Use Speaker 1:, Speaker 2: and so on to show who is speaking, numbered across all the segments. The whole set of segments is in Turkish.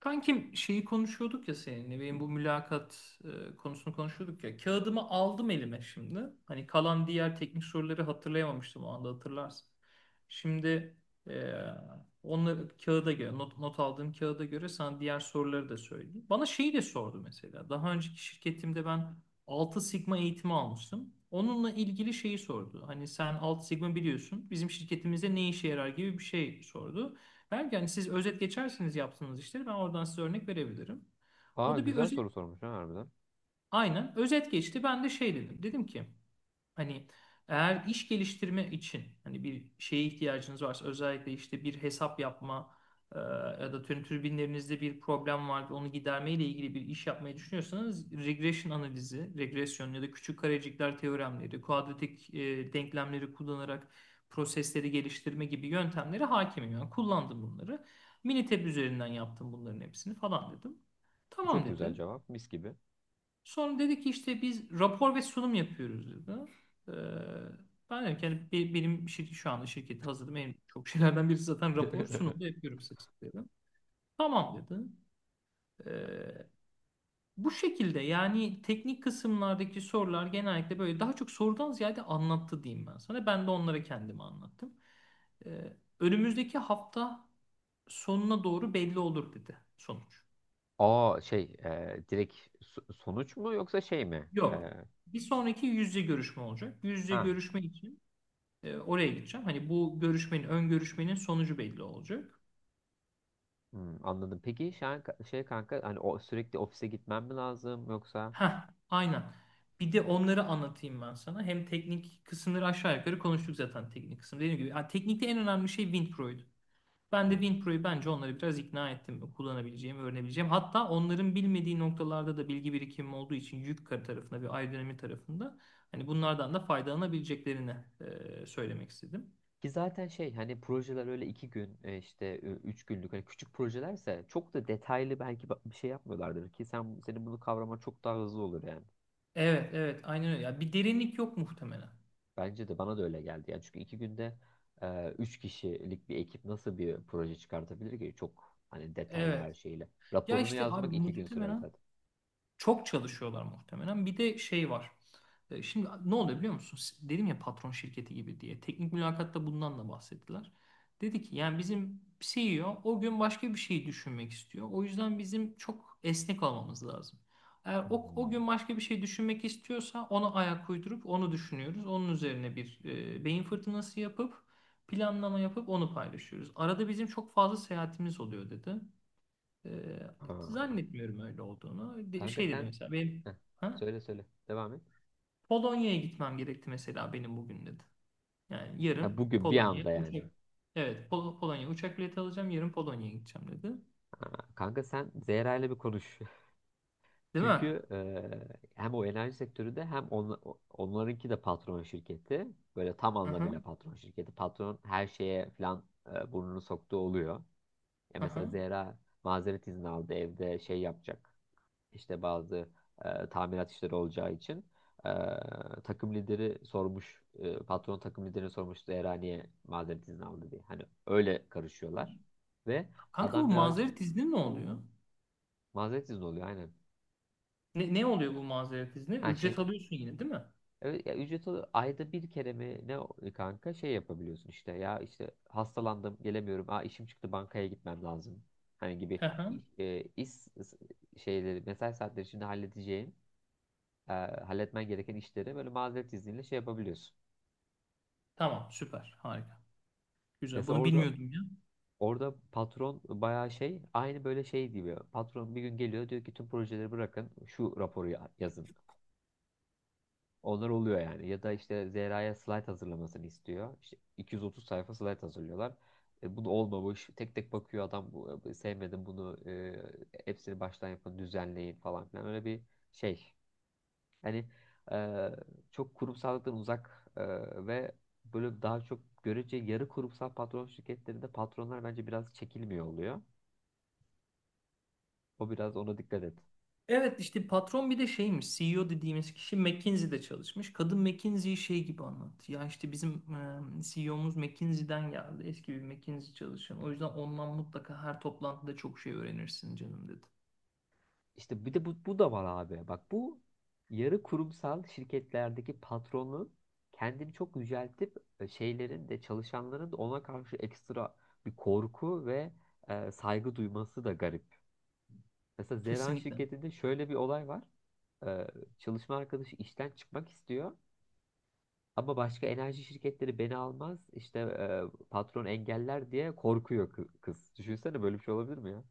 Speaker 1: Kankim şeyi konuşuyorduk ya seninle benim bu mülakat konusunu konuşuyorduk ya. Kağıdımı aldım elime şimdi. Hani kalan diğer teknik soruları hatırlayamamıştım o anda hatırlarsın. Şimdi e, onları kağıda göre not aldığım kağıda göre sana diğer soruları da söyleyeyim. Bana şeyi de sordu mesela. Daha önceki şirketimde ben altı Sigma eğitimi almıştım. Onunla ilgili şeyi sordu. Hani sen altı Sigma biliyorsun. Bizim şirketimizde ne işe yarar gibi bir şey sordu. Belki hani siz özet geçersiniz yaptığınız işleri ben oradan size örnek verebilirim. O
Speaker 2: Aa,
Speaker 1: da bir
Speaker 2: güzel
Speaker 1: özet
Speaker 2: soru sormuş ha, harbiden.
Speaker 1: aynen özet geçti. Ben de şey dedim. Dedim ki hani eğer iş geliştirme için hani bir şeye ihtiyacınız varsa özellikle işte bir hesap yapma ya da tüm türbinlerinizde bir problem var ve onu giderme ile ilgili bir iş yapmayı düşünüyorsanız regression analizi, regresyon ya da küçük karecikler teoremleri, kuadratik denklemleri kullanarak prosesleri geliştirme gibi yöntemlere hakimim. Yani kullandım bunları. Minitab üzerinden yaptım bunların hepsini falan dedim. Tamam
Speaker 2: Çok güzel
Speaker 1: dedi.
Speaker 2: cevap. Mis gibi.
Speaker 1: Sonra dedi ki işte biz rapor ve sunum yapıyoruz dedi. Ee, Ben dedim ki yani benim şirket, şu anda şirketi hazırladım. En çok şeylerden birisi zaten rapor, sunum da yapıyorum sık sık dedim. Tamam dedi. Ee, Bu şekilde yani teknik kısımlardaki sorular genellikle böyle daha çok sorudan ziyade anlattı diyeyim ben sana. Ben de onlara kendimi anlattım. Önümüzdeki hafta sonuna doğru belli olur dedi sonuç.
Speaker 2: Aa, şey, direkt sonuç mu yoksa şey mi? E,
Speaker 1: Yok. Bir sonraki yüz yüze görüşme olacak. Yüz yüze
Speaker 2: ha
Speaker 1: görüşme için oraya gideceğim. Hani bu görüşmenin, ön görüşmenin sonucu belli olacak.
Speaker 2: anladım. Peki şu şey, kanka, hani o sürekli ofise gitmem mi lazım yoksa?
Speaker 1: Ha, aynen. Bir de onları anlatayım ben sana. Hem teknik kısımları aşağı yukarı konuştuk zaten teknik kısım. Dediğim gibi yani teknikte en önemli şey WinPro'ydu. Ben de
Speaker 2: Hmm.
Speaker 1: WinPro'yu bence onları biraz ikna ettim. Kullanabileceğim, öğrenebileceğim. Hatta onların bilmediği noktalarda da bilgi birikimim olduğu için yük tarafında bir aerodinami tarafında hani bunlardan da faydalanabileceklerini söylemek istedim.
Speaker 2: Ki zaten şey hani projeler öyle 2 gün, işte, 3 günlük hani küçük projelerse çok da detaylı belki bir şey yapmıyorlardır ki sen senin bunu kavraman çok daha hızlı olur yani.
Speaker 1: Evet, evet, aynen öyle. Ya bir derinlik yok muhtemelen.
Speaker 2: Bence de bana da öyle geldi. Yani çünkü 2 günde üç kişilik bir ekip nasıl bir proje çıkartabilir ki? Çok hani detaylı
Speaker 1: Evet.
Speaker 2: her şeyle.
Speaker 1: Ya
Speaker 2: Raporunu
Speaker 1: işte abi
Speaker 2: yazmak 2 gün sürer
Speaker 1: muhtemelen
Speaker 2: zaten.
Speaker 1: çok çalışıyorlar muhtemelen. Bir de şey var. Şimdi ne oluyor biliyor musun? Dedim ya patron şirketi gibi diye. Teknik mülakatta bundan da bahsettiler. Dedi ki yani bizim CEO o gün başka bir şey düşünmek istiyor. O yüzden bizim çok esnek olmamız lazım. Eğer o
Speaker 2: Hmm.
Speaker 1: gün başka bir şey düşünmek istiyorsa ona ayak uydurup onu düşünüyoruz. Onun üzerine bir beyin fırtınası yapıp planlama yapıp onu paylaşıyoruz. Arada bizim çok fazla seyahatimiz oluyor dedi. Ee,
Speaker 2: Ha.
Speaker 1: Zannetmiyorum öyle olduğunu.
Speaker 2: Kanka
Speaker 1: Şey dedi
Speaker 2: sen
Speaker 1: mesela benim
Speaker 2: Heh,
Speaker 1: ha?
Speaker 2: söyle söyle. Devam et.
Speaker 1: Polonya'ya gitmem gerekti mesela benim bugün dedi. Yani
Speaker 2: Ha,
Speaker 1: yarın
Speaker 2: bugün bir
Speaker 1: Polonya
Speaker 2: anda yani.
Speaker 1: uçak evet Polonya uçak bileti alacağım yarın Polonya'ya gideceğim dedi.
Speaker 2: Ha, kanka sen Zehra ile bir konuş.
Speaker 1: Değil mi?
Speaker 2: Çünkü hem o enerji sektöründe hem onlarınki de patron şirketi. Böyle tam anlamıyla
Speaker 1: Aha,
Speaker 2: patron şirketi. Patron her şeye falan burnunu soktuğu oluyor. Ya mesela
Speaker 1: aha.
Speaker 2: Zehra mazeret izni aldı, evde şey yapacak. İşte bazı tamirat işleri olacağı için e, takım lideri sormuş. Patron takım lideri sormuş Zehra niye mazeret izni aldı diye. Hani öyle karışıyorlar. Ve
Speaker 1: Kanka bu
Speaker 2: adam biraz
Speaker 1: mazeret izni ne oluyor?
Speaker 2: mazeret izni oluyor, aynen.
Speaker 1: Ne oluyor bu mazeret izni?
Speaker 2: Yani şey,
Speaker 1: Ücret alıyorsun yine değil mi?
Speaker 2: evet, ya ücreti ayda bir kere mi ne kanka şey yapabiliyorsun işte, ya işte hastalandım gelemiyorum, aa işim çıktı bankaya gitmem lazım hani gibi
Speaker 1: Aha.
Speaker 2: iş şeyleri, mesai saatleri içinde halledeceğin e, halletmen gereken işleri böyle mazeret izniyle şey yapabiliyorsun.
Speaker 1: Tamam süper harika. Güzel
Speaker 2: Mesela
Speaker 1: bunu
Speaker 2: orada
Speaker 1: bilmiyordum ya.
Speaker 2: orada patron bayağı şey aynı böyle şey gibi, patron bir gün geliyor diyor ki tüm projeleri bırakın şu raporu yazın. Onlar oluyor yani. Ya da işte Zehra'ya slide hazırlamasını istiyor. İşte 230 sayfa slide hazırlıyorlar. Bunu olmamış. Tek tek bakıyor adam. Sevmedim bunu. Hepsini baştan yapın, düzenleyin falan filan. Öyle bir şey. Hani, e, çok kurumsallıktan uzak, ve böyle daha çok görece yarı kurumsal patron şirketlerinde patronlar bence biraz çekilmiyor oluyor. O biraz ona dikkat et.
Speaker 1: Evet işte patron bir de şeymiş, CEO dediğimiz kişi McKinsey'de çalışmış. Kadın McKinsey'yi şey gibi anlattı. Ya işte bizim CEO'muz McKinsey'den geldi. Eski bir McKinsey çalışan. O yüzden ondan mutlaka her toplantıda çok şey öğrenirsin canım dedi.
Speaker 2: İşte bir de bu da var abi. Bak bu yarı kurumsal şirketlerdeki patronun kendini çok yüceltip, şeylerin de, çalışanların da ona karşı ekstra bir korku ve saygı duyması da garip. Mesela Zeran
Speaker 1: Kesinlikle.
Speaker 2: şirketinde şöyle bir olay var. E, Çalışma arkadaşı işten çıkmak istiyor ama başka enerji şirketleri beni almaz işte, patron engeller diye korkuyor kız. Düşünsene, böyle bir şey olabilir mi ya?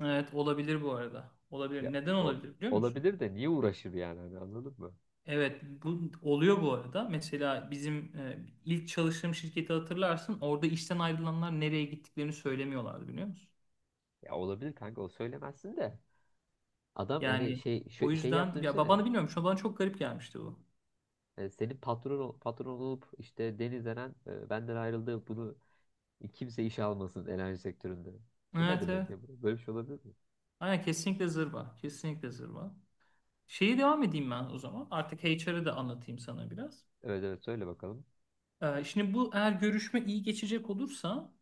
Speaker 1: Evet olabilir bu arada. Olabilir.
Speaker 2: Ya
Speaker 1: Neden
Speaker 2: o,
Speaker 1: olabilir biliyor musun?
Speaker 2: olabilir de niye uğraşır yani, hani anladın mı?
Speaker 1: Evet bu oluyor bu arada. Mesela bizim ilk çalıştığım şirketi hatırlarsın. Orada işten ayrılanlar nereye gittiklerini söylemiyorlardı biliyor musun?
Speaker 2: Ya olabilir kanka, o söylemezsin de. Adam hani
Speaker 1: Yani
Speaker 2: şey
Speaker 1: o
Speaker 2: şey
Speaker 1: yüzden
Speaker 2: yaptığını
Speaker 1: ya
Speaker 2: düşünsene.
Speaker 1: babanı bilmiyorum. Şu an bana çok garip gelmişti bu.
Speaker 2: Senin patron olup işte Deniz Eren benden ayrıldı, bunu kimse işe almasın enerji sektöründe. Bu ne
Speaker 1: Evet evet.
Speaker 2: demek ya? Böyle bir şey olabilir mi?
Speaker 1: Aynen kesinlikle zırva. Kesinlikle zırva. Şeyi devam edeyim ben o zaman. Artık HR'ı da anlatayım sana biraz.
Speaker 2: Evet, evet, söyle bakalım.
Speaker 1: Şimdi bu eğer görüşme iyi geçecek olursa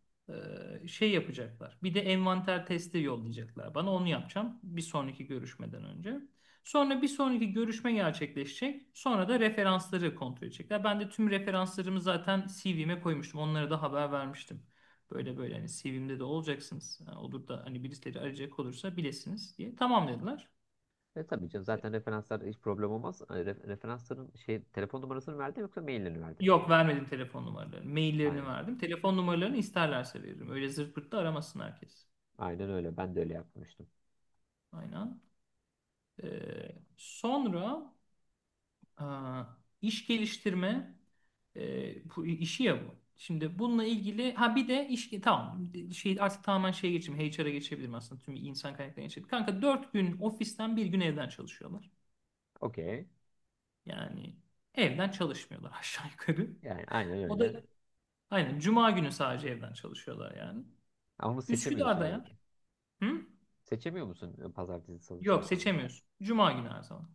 Speaker 1: şey yapacaklar. Bir de envanter testi yollayacaklar bana. Onu yapacağım bir sonraki görüşmeden önce. Sonra bir sonraki görüşme gerçekleşecek. Sonra da referansları kontrol edecekler. Ben de tüm referanslarımı zaten CV'me koymuştum. Onlara da haber vermiştim. Böyle böyle hani CV'mde de olacaksınız. Ha, olur da hani birileri arayacak olursa bilesiniz diye. Tamam dediler.
Speaker 2: Tabii canım, zaten referanslar hiç problem olmaz. Referansların şey telefon numarasını verdin yoksa maillerini verdin?
Speaker 1: Yok vermedim telefon numaralarını. Maillerini
Speaker 2: Aynen.
Speaker 1: verdim. Telefon numaralarını isterlerse veririm. Öyle zırt pırt da aramasın herkes.
Speaker 2: Aynen öyle. Ben de öyle yapmıştım.
Speaker 1: Aynen. Sonra aa, iş geliştirme bu işi ya bu. Şimdi bununla ilgili ha bir de iş tamam şey artık tamamen şeye geçeyim, HR'a geçebilirim aslında tüm insan kaynaklarına geçebilirim. Kanka 4 gün ofisten bir gün evden çalışıyorlar.
Speaker 2: Okey.
Speaker 1: Yani evden çalışmıyorlar aşağı yukarı.
Speaker 2: Yani aynen
Speaker 1: O da
Speaker 2: öyle.
Speaker 1: aynen cuma günü sadece evden çalışıyorlar yani.
Speaker 2: Ama onu seçemiyorsun
Speaker 1: Üsküdar'da
Speaker 2: yani.
Speaker 1: ya. Hı?
Speaker 2: Seçemiyor musun pazartesi, salı,
Speaker 1: Yok
Speaker 2: çarşamba?
Speaker 1: seçemiyorsun. Cuma günü her zaman.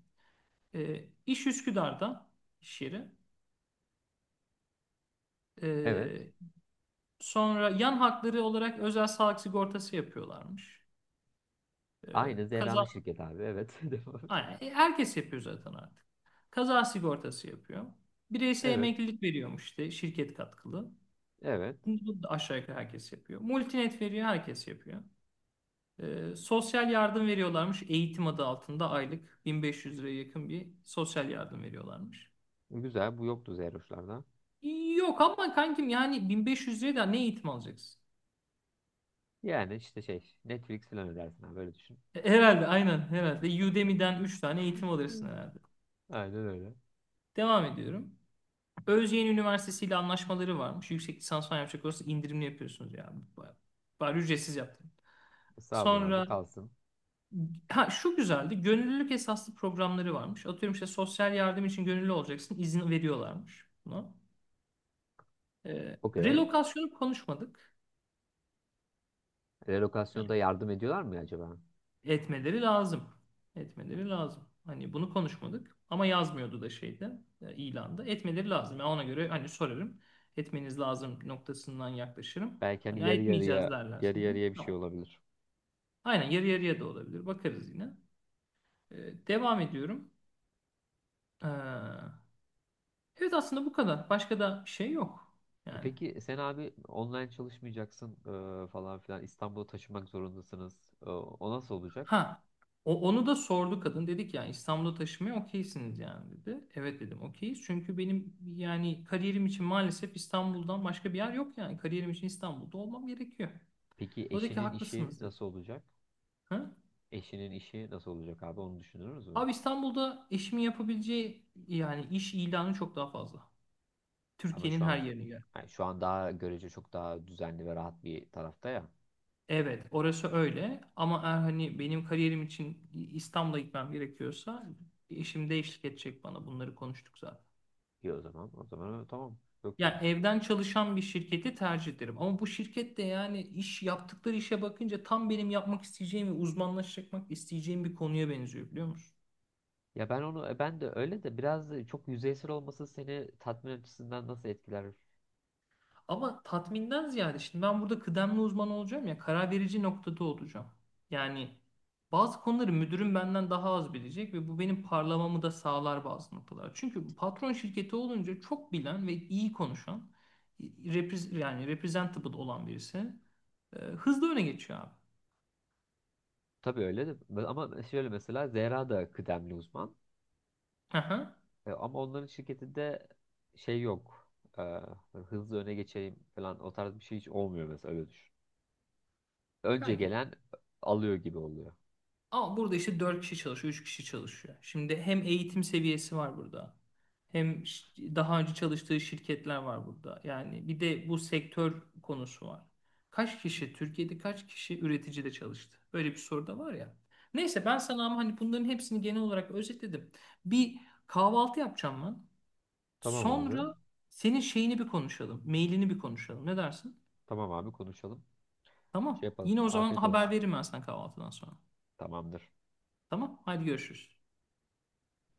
Speaker 1: İş Üsküdar'da iş yeri.
Speaker 2: Evet.
Speaker 1: Ee, Sonra yan hakları olarak özel sağlık sigortası yapıyorlarmış. Ee,
Speaker 2: Aynı Zehra'nın
Speaker 1: Kaza,
Speaker 2: şirketi abi. Evet. Devam et.
Speaker 1: aynen, herkes yapıyor zaten artık. Kaza sigortası yapıyor. Bireysel
Speaker 2: Evet.
Speaker 1: emeklilik veriyormuş işte şirket katkılı.
Speaker 2: Evet.
Speaker 1: Bunu da aşağı yukarı herkes yapıyor. Multinet veriyor herkes yapıyor. Sosyal yardım veriyorlarmış. Eğitim adı altında aylık 1500 liraya yakın bir sosyal yardım veriyorlarmış.
Speaker 2: Güzel. Bu yoktu Zeyroşlarda.
Speaker 1: Yok ama kankim yani 1500 liraya da ne eğitim alacaksın?
Speaker 2: Yani işte şey Netflix falan ödersin abi. Böyle düşün.
Speaker 1: Herhalde aynen herhalde. Udemy'den 3 tane eğitim alırsın
Speaker 2: Hmm.
Speaker 1: herhalde.
Speaker 2: Aynen öyle.
Speaker 1: Devam ediyorum. Özyeğin Üniversitesi ile anlaşmaları varmış. Yüksek lisans falan yapacak olursa indirimli yapıyorsunuz ya. Baya bari ücretsiz yaptım.
Speaker 2: Sağ olun abi,
Speaker 1: Sonra
Speaker 2: kalsın.
Speaker 1: ha şu güzeldi. Gönüllülük esaslı programları varmış. Atıyorum işte sosyal yardım için gönüllü olacaksın. İzin veriyorlarmış buna.
Speaker 2: Okey.
Speaker 1: Relokasyonu konuşmadık.
Speaker 2: Relokasyonda yardım ediyorlar mı acaba?
Speaker 1: Etmeleri lazım. Etmeleri lazım. Hani bunu konuşmadık ama yazmıyordu da şeyde ilanda. Etmeleri lazım. Yani ona göre hani sorarım. Etmeniz lazım noktasından yaklaşırım.
Speaker 2: Belki hani
Speaker 1: Hani "Ha,
Speaker 2: yarı
Speaker 1: etmeyeceğiz"
Speaker 2: yarıya yarı
Speaker 1: derlerse de
Speaker 2: yarıya bir şey
Speaker 1: tamam.
Speaker 2: olabilir.
Speaker 1: Aynen yarı yarıya da olabilir. Bakarız yine. Devam ediyorum. Ee, evet aslında bu kadar. Başka da bir şey yok. Yani.
Speaker 2: Peki sen abi online çalışmayacaksın, falan filan, İstanbul'a taşımak zorundasınız. O nasıl olacak?
Speaker 1: Ha, onu da sordu kadın. Dedik yani İstanbul'a taşımaya okeysiniz yani dedi. Evet dedim okeyiz. Çünkü benim yani kariyerim için maalesef İstanbul'dan başka bir yer yok yani. Kariyerim için İstanbul'da olmam gerekiyor.
Speaker 2: Peki
Speaker 1: O dedi ki
Speaker 2: eşinin işi
Speaker 1: haklısınız dedi.
Speaker 2: nasıl olacak?
Speaker 1: Ha?
Speaker 2: Eşinin işi nasıl olacak abi, onu düşünürüz mü?
Speaker 1: Abi İstanbul'da eşimin yapabileceği yani iş ilanı çok daha fazla.
Speaker 2: Ama
Speaker 1: Türkiye'nin
Speaker 2: şu
Speaker 1: her
Speaker 2: an
Speaker 1: yerine göre.
Speaker 2: yani şu an daha görece çok daha düzenli ve rahat bir tarafta ya.
Speaker 1: Evet orası öyle ama eğer hani benim kariyerim için İstanbul'a gitmem gerekiyorsa eşim de eşlik edecek bana, bunları konuştuk zaten.
Speaker 2: İyi o zaman. O zaman öyle, tamam. Çok iyi.
Speaker 1: Yani evden çalışan bir şirketi tercih ederim. Ama bu şirket de yani iş yaptıkları işe bakınca tam benim yapmak isteyeceğim ve uzmanlaşmak isteyeceğim bir konuya benziyor biliyor musun?
Speaker 2: Ya ben de öyle de biraz da çok yüzeysel olması seni tatmin açısından nasıl etkiler?
Speaker 1: Ama tatminden ziyade şimdi ben burada kıdemli uzman olacağım ya, karar verici noktada olacağım. Yani bazı konuları müdürüm benden daha az bilecek ve bu benim parlamamı da sağlar bazı noktalar. Çünkü patron şirketi olunca çok bilen ve iyi konuşan, yani representable olan birisi hızlı öne geçiyor abi.
Speaker 2: Tabii öyle de, ama şöyle mesela Zehra da kıdemli uzman.
Speaker 1: Aha.
Speaker 2: Ama onların şirketinde şey yok. E, Hızlı öne geçeyim falan, o tarz bir şey hiç olmuyor mesela, öyle düşün. Önce
Speaker 1: Kanki
Speaker 2: gelen alıyor gibi oluyor.
Speaker 1: ama burada işte 4 kişi çalışıyor, 3 kişi çalışıyor. Şimdi hem eğitim seviyesi var burada. Hem daha önce çalıştığı şirketler var burada. Yani bir de bu sektör konusu var. Kaç kişi, Türkiye'de kaç kişi üreticide çalıştı? Böyle bir soru da var ya. Neyse ben sana ama hani bunların hepsini genel olarak özetledim. Bir kahvaltı yapacağım ben.
Speaker 2: Tamam abi.
Speaker 1: Sonra senin şeyini bir konuşalım. Mailini bir konuşalım. Ne dersin?
Speaker 2: Tamam abi, konuşalım. Şey
Speaker 1: Tamam.
Speaker 2: yapalım.
Speaker 1: Yine o zaman
Speaker 2: Afiyet
Speaker 1: haber
Speaker 2: olsun.
Speaker 1: veririm ben sana kahvaltıdan sonra.
Speaker 2: Tamamdır.
Speaker 1: Tamam. Hadi görüşürüz.